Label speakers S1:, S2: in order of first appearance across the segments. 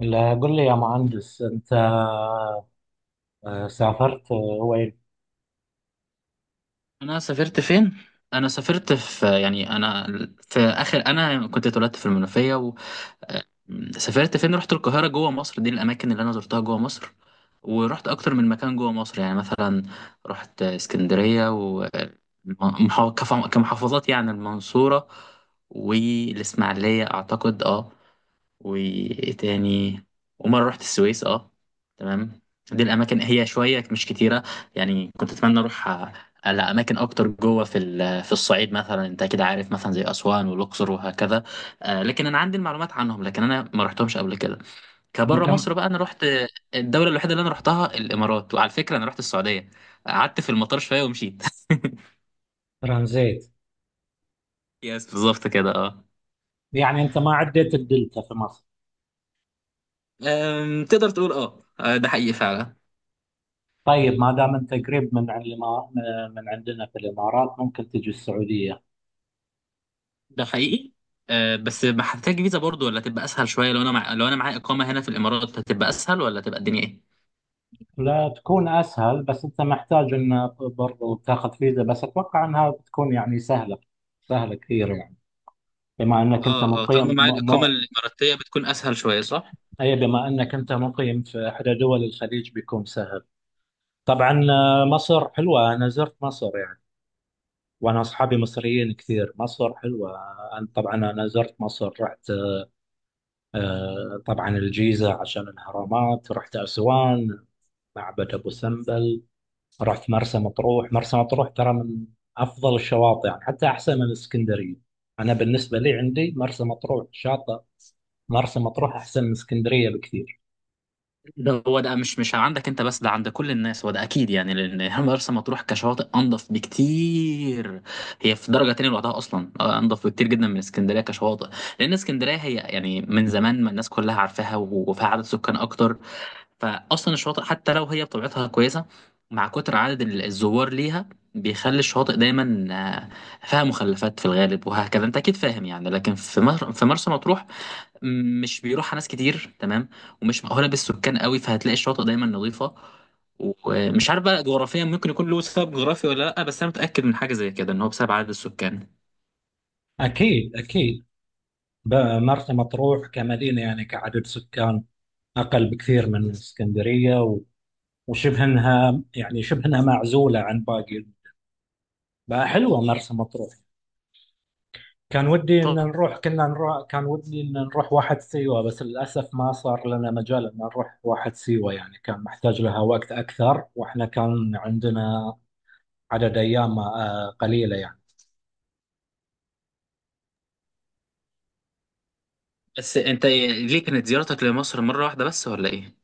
S1: لا قل لي يا مهندس انت، سافرت، وين.
S2: انا سافرت فين؟ انا سافرت في يعني انا في اخر انا كنت اتولدت في المنوفيه آه، سافرت فين؟ رحت القاهرة جوه مصر. دي الأماكن اللي أنا زرتها جوه مصر، ورحت أكتر من مكان جوه مصر. يعني مثلا رحت اسكندرية ومحافظات، كمحافظات يعني المنصورة والإسماعيلية أعتقد، أه. وايه تاني؟ ومره رحت السويس. اه تمام، دي الاماكن هي شويه مش كتيره. يعني كنت اتمنى اروح على اماكن اكتر جوه في الصعيد مثلا، انت كده عارف، مثلا زي اسوان والاقصر وهكذا. لكن انا عندي المعلومات عنهم، لكن انا ما رحتهمش قبل كده. كبره
S1: انت م-
S2: مصر بقى. انا رحت الدوله الوحيده اللي انا رحتها الامارات، وعلى فكره انا رحت السعوديه، قعدت في المطار شويه ومشيت.
S1: ترانزيت.
S2: يس بالظبط كده اه.
S1: يعني انت ما عديت الدلتا في مصر؟
S2: تقدر تقول اه، ده حقيقي فعلا.
S1: طيب ما دام انت قريب من من عندنا في الامارات ممكن تجي السعوديه.
S2: ده حقيقي. آه بس ما هتحتاج فيزا برضو، ولا تبقى اسهل شويه لو انا لو انا معايا اقامه هنا في الامارات، هتبقى اسهل ولا تبقى الدنيا ايه؟
S1: لا تكون اسهل، بس انت محتاج ان برضو تاخذ فيزا، بس اتوقع انها بتكون يعني سهله، سهله كثير يعني، بما انك انت
S2: اه اه، طالما
S1: مقيم
S2: معايا الاقامه الاماراتيه بتكون اسهل شويه، صح.
S1: اي، بما انك انت مقيم في احدى دول الخليج بيكون سهل. طبعا، مصر حلوه، انا زرت مصر يعني، وانا اصحابي مصريين كثير، مصر حلوه. أنا طبعا زرت مصر، رحت، طبعا الجيزه عشان الاهرامات، رحت اسوان، معبد ابو سمبل، رحت مرسى مطروح. مرسى مطروح ترى من افضل الشواطئ يعني، حتى احسن من اسكندريه. انا بالنسبه لي عندي مرسى مطروح شاطئ، مرسى مطروح احسن من اسكندريه بكثير.
S2: ده هو ده، مش عندك انت بس، ده عند كل الناس، هو ده اكيد. يعني لان مرسى مطروح كشواطئ انضف بكتير، هي في درجه تانية لوحدها اصلا. انضف بكتير جدا من اسكندريه كشواطئ. لان اسكندريه هي يعني من زمان ما الناس كلها عارفاها وفيها عدد سكان اكتر، فاصلا الشواطئ حتى لو هي بطبيعتها كويسه، مع كتر عدد الزوار ليها بيخلي الشواطئ دايما، فيها مخلفات في الغالب وهكذا، انت اكيد فاهم. يعني لكن في مرسى مطروح مش بيروحها ناس كتير، تمام. ومش مأهوله بالسكان قوي، فهتلاقي الشواطئ دايما نظيفه. ومش عارف بقى جغرافيا، ممكن يكون له سبب جغرافي ولا لا، بس انا متأكد من حاجه زي كده، ان هو بسبب عدد السكان.
S1: اكيد اكيد. ب- مرسى مطروح كمدينه، يعني كعدد سكان، اقل بكثير من اسكندريه، وشبه انها يعني شبه انها معزوله عن باقي، فحلوه مرسى مطروح. كان ودي ان نروح، كنا نروح، كان ودي ان نروح واحد سيوه، بس للاسف ما صار لنا مجال ان نروح واحد سيوه، يعني كان محتاج لها وقت اكثر، واحنا كان عندنا عدد ايام، قليله يعني.
S2: بس انت ليه كانت زيارتك لمصر مره واحده بس ولا ايه؟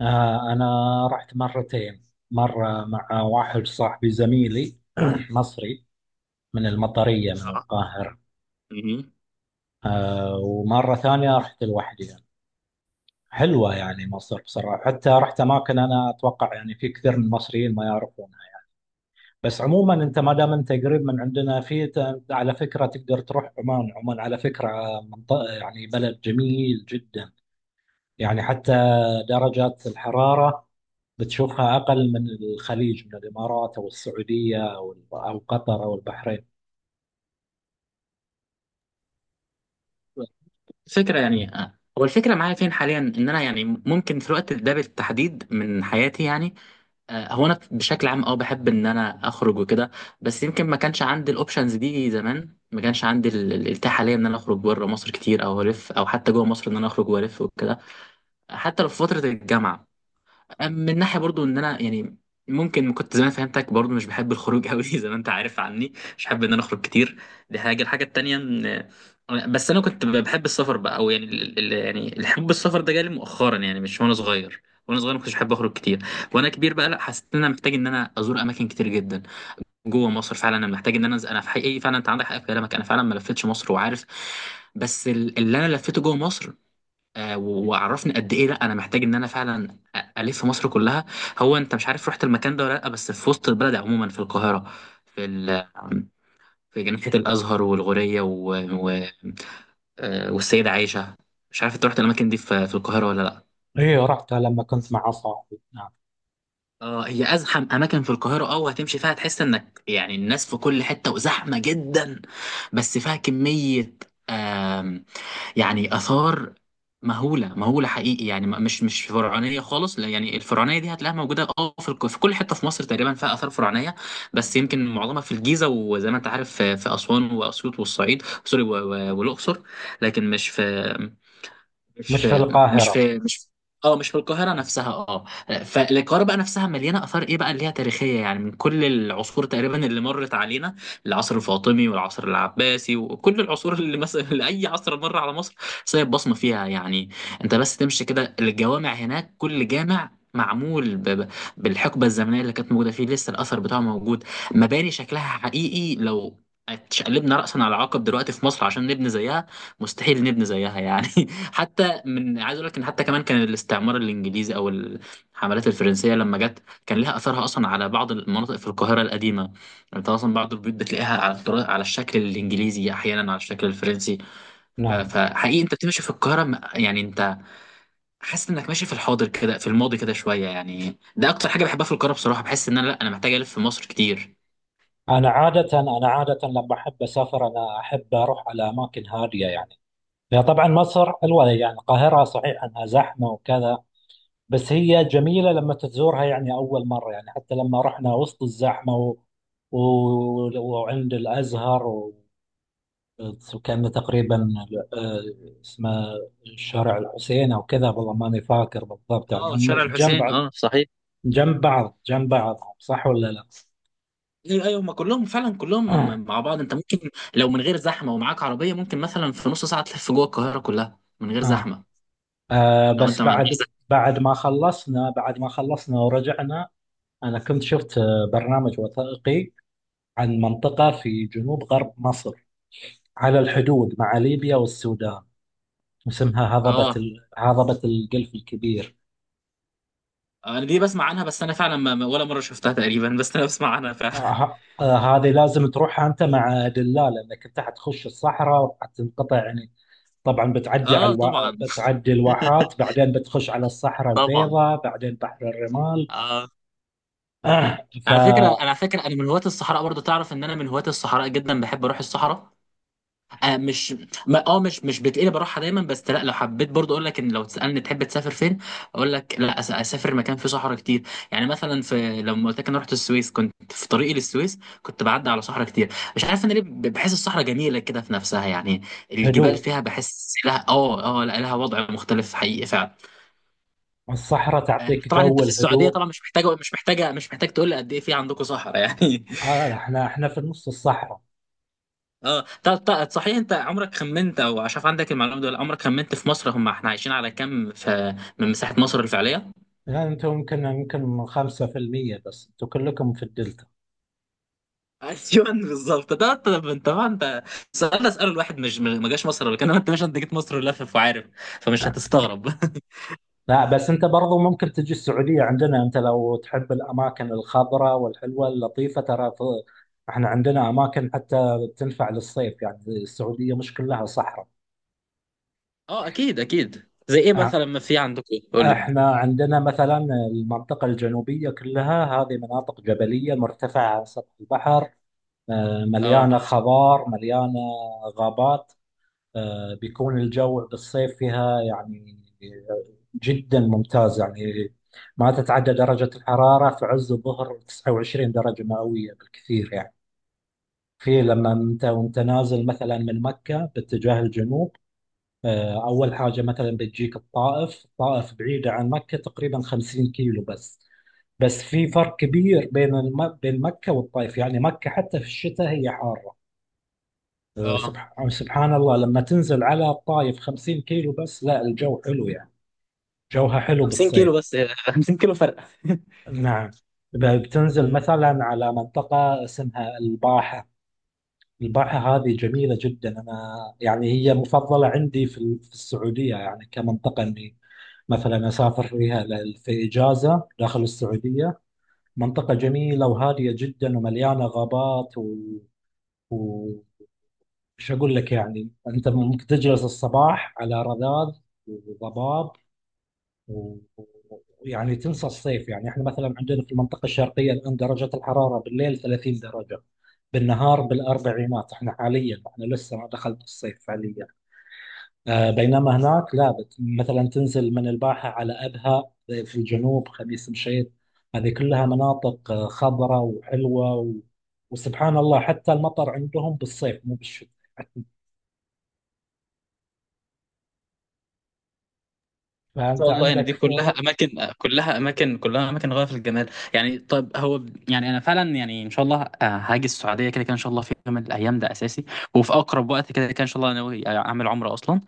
S1: انا رحت مرتين، مره مع واحد صاحبي زميلي مصري، من المطريه من
S2: اه.
S1: القاهره،
S2: مهم.
S1: ومره ثانيه رحت لوحدي. حلوة يعني مصر بصراحة، حتى رحت أماكن أنا أتوقع يعني في كثير من المصريين ما يعرفونها. بس عموما أنت ما دام أنت قريب من عندنا على فكرة تقدر تروح عمان، عمان على فكرة منطقة، يعني بلد جميل جدا، يعني حتى درجات الحرارة بتشوفها أقل من الخليج، من الإمارات أو السعودية أو قطر أو البحرين.
S2: فكرة يعني، هو الفكرة معايا فين حاليا، ان انا يعني ممكن في الوقت ده بالتحديد من حياتي يعني، هو انا بشكل عام اه بحب ان انا اخرج وكده. بس يمكن ما كانش عندي الاوبشنز دي زمان، ما كانش عندي الاتاحة حاليا ان انا اخرج بره مصر كتير او الف، او حتى جوه مصر ان انا اخرج والف وكده. حتى لو في فترة الجامعة، من ناحيه برضو ان انا يعني ممكن كنت زمان فهمتك برضو مش بحب الخروج قوي زي ما انت عارف عني، مش بحب ان انا اخرج كتير. دي حاجه. الحاجه التانيه ان، بس انا كنت بحب السفر بقى، او يعني يعني الحب السفر ده جالي مؤخرا، يعني مش وانا صغير. وانا صغير ما كنتش بحب اخرج كتير، وانا كبير بقى لا، حسيت ان انا محتاج ان انا ازور اماكن كتير جدا جوه مصر. فعلا انا محتاج ان انا انا في حقيقي فعلا، انت عندك حق في كلامك، انا فعلا ما لفتش مصر وعارف. بس اللي انا لفيته جوه مصر، وعرفني قد ايه لا انا محتاج ان انا فعلا الف مصر كلها. هو انت مش عارف رحت المكان ده ولا لا، بس في وسط البلد عموما في القاهره، في ال... في جنينه الازهر والغوريه و... والسيده عائشه. مش عارف انت رحت الاماكن دي في في القاهره ولا لا.
S1: إيه رحتها لما كنت مع صاحبي، نعم.
S2: اه هي ازحم اماكن في القاهره اه، وهتمشي فيها تحس انك، يعني الناس في كل حته وزحمه جدا. بس فيها كميه، آم، يعني اثار مهوله، مهوله حقيقي. يعني مش فرعونيه خالص لا، يعني الفرعونيه دي هتلاقيها موجوده اه في كل حته في مصر تقريبا فيها اثار فرعونيه، بس يمكن معظمها في الجيزه، وزي ما انت عارف في في اسوان واسيوط والصعيد، سوري والاقصر. لكن مش في مش
S1: مش في
S2: في مش
S1: القاهرة،
S2: في مش في. اه مش في القاهرة نفسها اه. فالقاهرة بقى نفسها مليانة آثار، ايه بقى اللي هي تاريخية، يعني من كل العصور تقريبا اللي مرت علينا، العصر الفاطمي والعصر العباسي وكل العصور اللي مثلا اللي أي عصر مر على مصر سايب بصمة فيها. يعني انت بس تمشي كده، الجوامع هناك كل جامع معمول بالحقبة الزمنية اللي كانت موجودة فيه، لسه الأثر بتاعه موجود. مباني شكلها حقيقي، لو اتشقلبنا رأسا على عقب دلوقتي في مصر عشان نبني زيها، مستحيل نبني زيها يعني. حتى من عايز اقول لك ان، حتى كمان كان الاستعمار الانجليزي او الحملات الفرنسيه لما جت كان لها اثرها اصلا على بعض المناطق في القاهره القديمه. يعني انت اصلا بعض البيوت بتلاقيها على على الشكل الانجليزي، احيانا على الشكل الفرنسي.
S1: نعم.
S2: فحقيقي انت بتمشي في القاهره يعني انت حاسس انك ماشي في الحاضر كده، في الماضي كده شويه. يعني ده اكتر حاجه بحبها في القاهره بصراحه، بحس ان انا لا، انا محتاج الف في مصر كتير.
S1: أنا عادة، أنا عادة لما أحب أسافر أنا أحب أروح على أماكن هادية يعني. هي طبعا مصر حلوة، يعني القاهرة صحيح أنها زحمة وكذا، بس هي جميلة لما تزورها يعني أول مرة، يعني حتى لما رحنا وسط الزحمة و... وعند الأزهر، وكان تقريبا آه، اسمه شارع الحسين أو كذا، والله ماني فاكر بالضبط، يعني
S2: اه
S1: هم
S2: شارع
S1: جنب
S2: الحسين
S1: بعض.
S2: اه صحيح.
S1: جنب بعض، جنب بعض، صح ولا لا؟
S2: ايوه ايوه، ما كلهم فعلا كلهم مع بعض. انت ممكن لو من غير زحمه ومعاك عربيه، ممكن مثلا في نص ساعه تلف جوه القاهره كلها من غير
S1: آه.
S2: زحمه.
S1: آه
S2: لو انت
S1: بس
S2: مع مش
S1: بعد،
S2: زحمة.
S1: بعد ما خلصنا ورجعنا، أنا كنت شفت، برنامج وثائقي عن منطقة في جنوب غرب مصر، على الحدود مع ليبيا والسودان، اسمها
S2: اه
S1: هضبة الجلف الكبير.
S2: انا دي بسمع عنها، بس انا فعلا ولا مره شفتها تقريبا، بس انا بسمع عنها فعلا.
S1: آه ه- آه، هذه لازم تروحها أنت مع دلال، لأنك أنت حتخش الصحراء وحتنقطع يعني. طبعا
S2: اه طبعا.
S1: بتعدي الواحات، بعدين بتخش على الصحراء
S2: طبعا
S1: البيضاء، بعدين بحر الرمال.
S2: اه. على فكره انا،
S1: فهدوء
S2: على فكره انا من هواة الصحراء برضو، تعرف ان انا من هواة الصحراء جدا، بحب اروح الصحراء. آه مش، ما اه مش بتقلب راحه دايما، بس لا لو حبيت برضه، اقول لك ان لو تسالني تحب تسافر فين، اقول لك لا، اسافر مكان فيه صحراء كتير. يعني مثلا في لما قلت لك انا رحت السويس، كنت في طريقي للسويس كنت بعدي على صحراء كتير. مش عارف انا ليه بحس الصحراء جميله كده في نفسها، يعني الجبال فيها بحس لها اه اه لا، لها وضع مختلف حقيقي فعلا.
S1: الصحراء تعطيك
S2: طبعا انت
S1: جو
S2: في السعوديه
S1: الهدوء.
S2: طبعا، مش محتاجه مش محتاج تقول لي قد ايه في عندكم صحراء يعني.
S1: آه، احنا في نص الصحراء.
S2: اه طب، طب صحيح، انت عمرك خمنت او عشان عندك المعلومه دي، ولا عمرك خمنت في مصر هم احنا عايشين على كام في من مساحه مصر الفعليه؟
S1: يعني انتم يمكن، يمكن 5% بس، انتم كلكم في الدلتا.
S2: ايوه بالظبط ده. طب انت طبعا انت، السؤال ده اساله الواحد ما جاش مصر قبل كده، انت مش، انت جيت مصر لافف وعارف، فمش هتستغرب.
S1: لا، بس انت برضو ممكن تجي السعودية عندنا، انت لو تحب الاماكن الخضراء والحلوة اللطيفة ترى، احنا عندنا اماكن حتى تنفع للصيف، يعني السعودية مش كلها صحراء.
S2: اه اكيد اكيد، زي ايه
S1: اه،
S2: مثلا ما في عندكم قول لي.
S1: احنا عندنا مثلا المنطقة الجنوبية كلها، هذه مناطق جبلية مرتفعة عن سطح البحر، مليانة
S2: اه
S1: خضار، مليانة غابات. بيكون الجو بالصيف فيها يعني جدا ممتاز يعني، ما تتعدى درجة الحرارة في عز الظهر 29 درجة مئوية بالكثير يعني. في لما انت، وانت نازل مثلا من مكة باتجاه الجنوب، اول حاجة مثلا بتجيك الطائف، الطائف بعيدة عن مكة تقريبا 50 كيلو بس، بس في فرق كبير بين مكة والطائف، يعني مكة حتى في الشتاء هي حارة. أه،
S2: اه
S1: سبح- آه، سبحان الله لما تنزل على الطايف، 50 كيلو بس، لا الجو حلو يعني، جوها حلو
S2: 50 كيلو
S1: بالصيف.
S2: بس، 50 كيلو فرق.
S1: نعم. بتنزل مثلا على منطقة اسمها الباحة، الباحة هذه جميلة جدا. أنا يعني هي مفضلة عندي في السعودية، يعني كمنطقة إني مثلا أسافر فيها، في إجازة داخل السعودية. منطقة جميلة وهادية جدا ومليانة غابات و... مش هقول لك، يعني انت ممكن تجلس الصباح على رذاذ وضباب و- ويعني تنسى الصيف. يعني احنا مثلا عندنا في المنطقه الشرقيه الان درجه الحراره بالليل 30 درجه، بالنهار بالاربعينات، احنا حاليا احنا لسه ما دخلت الصيف فعليا. آه، بينما هناك لا، مثلا تنزل من الباحه على ابها في الجنوب، خميس مشيط، هذه كلها مناطق، خضراء وحلوه، وسبحان الله حتى المطر عندهم بالصيف مو بالشتاء،
S2: ان
S1: فأنت
S2: شاء الله. يعني دي
S1: عندك.
S2: كلها اماكن، كلها اماكن، كلها اماكن غايه في الجمال يعني. طب هو يعني انا فعلا، يعني ان شاء الله، هاجي السعوديه كده كده ان شاء الله في يوم من الايام، ده اساسي، وفي اقرب وقت كده كده ان شاء الله. انا ناوي اعمل عمره اصلا،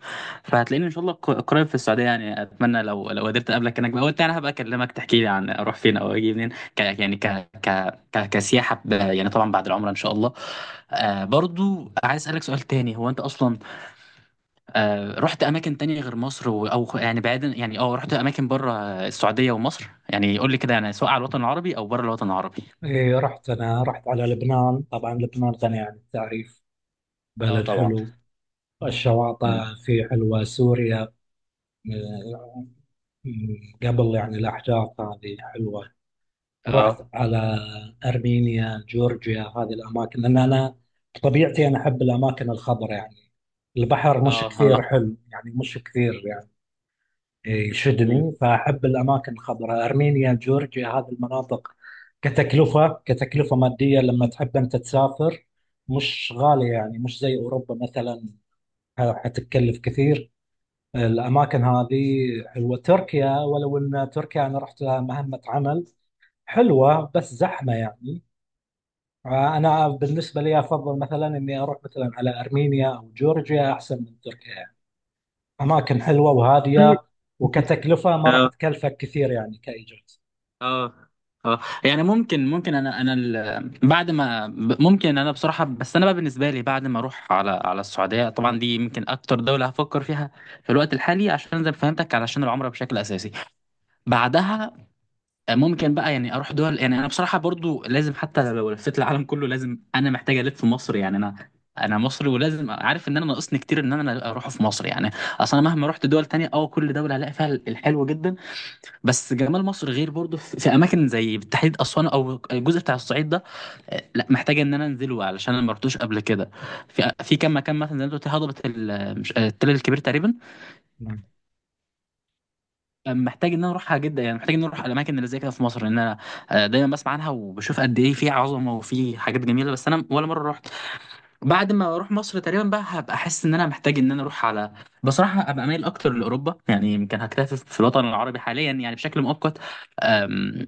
S2: فهتلاقيني ان شاء الله قريب في السعوديه. يعني اتمنى لو لو قدرت اقابلك هناك بقى، وانت انا هبقى اكلمك تحكي لي عن اروح فين او اجي منين. ك يعني ك ك ك كسياحه يعني طبعا بعد العمره ان شاء الله. آه برضو عايز اسالك سؤال تاني، هو انت اصلا رحت اماكن تانية غير مصر او يعني بعيدا، يعني اه رحت اماكن بره السعوديه ومصر، يعني قول لي كده، يعني سواء على الوطن العربي او بره الوطن العربي.
S1: إيه رحت، أنا رحت على لبنان، طبعا لبنان غني عن التعريف،
S2: اه
S1: بلد
S2: طبعا.
S1: حلو، الشواطئ
S2: امم.
S1: فيه حلوة. سوريا م- قبل يعني الأحداث هذه حلوة. رحت
S2: اه
S1: على أرمينيا، جورجيا، هذه الأماكن، لأن أنا طبيعتي أنا أحب الأماكن الخضراء يعني، البحر مش
S2: اه اه.
S1: كثير حلو يعني، مش كثير يعني
S2: امم.
S1: يشدني، فأحب الأماكن الخضراء، أرمينيا جورجيا هذه المناطق. كتكلفة، كتكلفة مادية لما
S2: أمم.
S1: تحب أنت تسافر، مش غالية يعني، مش زي أوروبا مثلا، حتتكلف كثير. الأماكن هذه حلوة. تركيا، ولو أن تركيا أنا رحت لها مهمة عمل، حلوة بس زحمة يعني. أنا بالنسبة لي أفضل مثلا إني أروح مثلا على أرمينيا أو جورجيا أحسن من تركيا، اماكن حلوه وهاديه، وكتكلفه ما راح
S2: اه
S1: تكلفك كثير يعني كايجار.
S2: اه اه، يعني ممكن ممكن انا انا بعد ما ممكن انا بصراحه، بس انا بقى بالنسبه لي بعد ما اروح على على السعوديه طبعا، دي يمكن اكتر دوله هفكر فيها في الوقت الحالي، عشان زي ما فهمتك علشان العمره بشكل اساسي. بعدها ممكن بقى يعني اروح دول. يعني انا بصراحه برضو لازم، حتى لو لفيت العالم كله لازم انا محتاج الف في مصر. يعني انا انا مصري ولازم عارف ان انا ناقصني كتير ان انا اروح في مصر، يعني اصلا مهما رحت دول تانية اه كل دوله هلاقي فيها الحلو جدا. بس جمال مصر غير، برضو في في اماكن زي بالتحديد اسوان او الجزء بتاع الصعيد ده، لا محتاج ان انا انزله علشان انا ما رحتوش قبل كده. في في كام مكان مثلا زي ما أنت قلت هضبه التل الكبير تقريبا،
S1: مم.
S2: محتاج ان انا اروحها جدا. يعني محتاج ان انا اروح الاماكن اللي زي كده في مصر، لان انا دايما بسمع عنها وبشوف قد ايه في عظمه وفي حاجات جميله، بس انا ولا مره رحت. بعد ما اروح مصر تقريبا بقى هبقى احس ان انا محتاج ان انا اروح على، بصراحه هبقى مايل اكتر لاوروبا. يعني يمكن هكتفي في الوطن العربي حاليا يعني بشكل مؤقت، آم،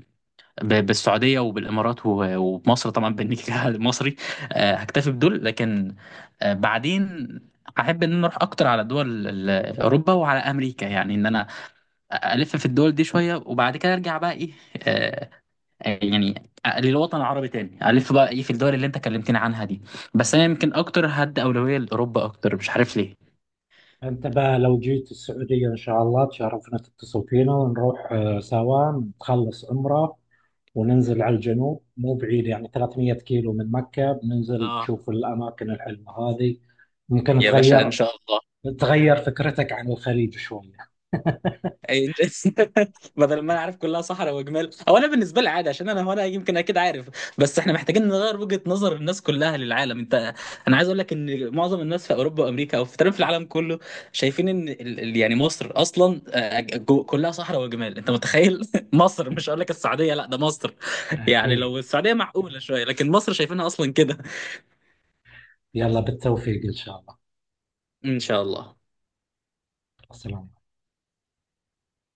S2: بالسعوديه وبالامارات ومصر طبعا بالنيكة المصري. هكتفي بدول، لكن بعدين هحب ان انا اروح اكتر على دول اوروبا وعلى امريكا. يعني ان انا الف في الدول دي شويه، وبعد كده ارجع بقى ايه، آه، يعني للوطن العربي تاني، الف بقى ايه في الدول اللي انت كلمتني عنها دي. بس انا يمكن اكتر هدي اولويه لاوروبا اكتر، مش عارف ليه.
S1: انت بقى لو جيت السعوديه ان شاء الله تشرفنا، تتصل فينا ونروح، سوا نتخلص عمره وننزل على الجنوب، مو بعيد يعني 300 كيلو من مكه، بننزل
S2: اه
S1: نشوف الاماكن الحلوه هذه. ممكن
S2: يا باشا ان
S1: تغير،
S2: شاء الله.
S1: تغير فكرتك عن الخليج شويه.
S2: أي- بدل ما انا عارف كلها صحراء وجمال، او انا بالنسبه لي عادي عشان انا، هو انا يمكن اكيد عارف. بس احنا محتاجين نغير وجهه نظر الناس كلها للعالم. انت انا عايز اقول لك ان معظم الناس في اوروبا وامريكا او في تقريبا في العالم كله، شايفين ان يعني مصر اصلا كلها صحراء وجمال، انت متخيل. مصر، مش هقول لك السعوديه لا، ده مصر. يعني لو
S1: اكيد.
S2: السعوديه معقوله شويه، لكن مصر شايفينها اصلا كده.
S1: يلا بالتوفيق ان شاء الله.
S2: ان شاء الله.
S1: السلام.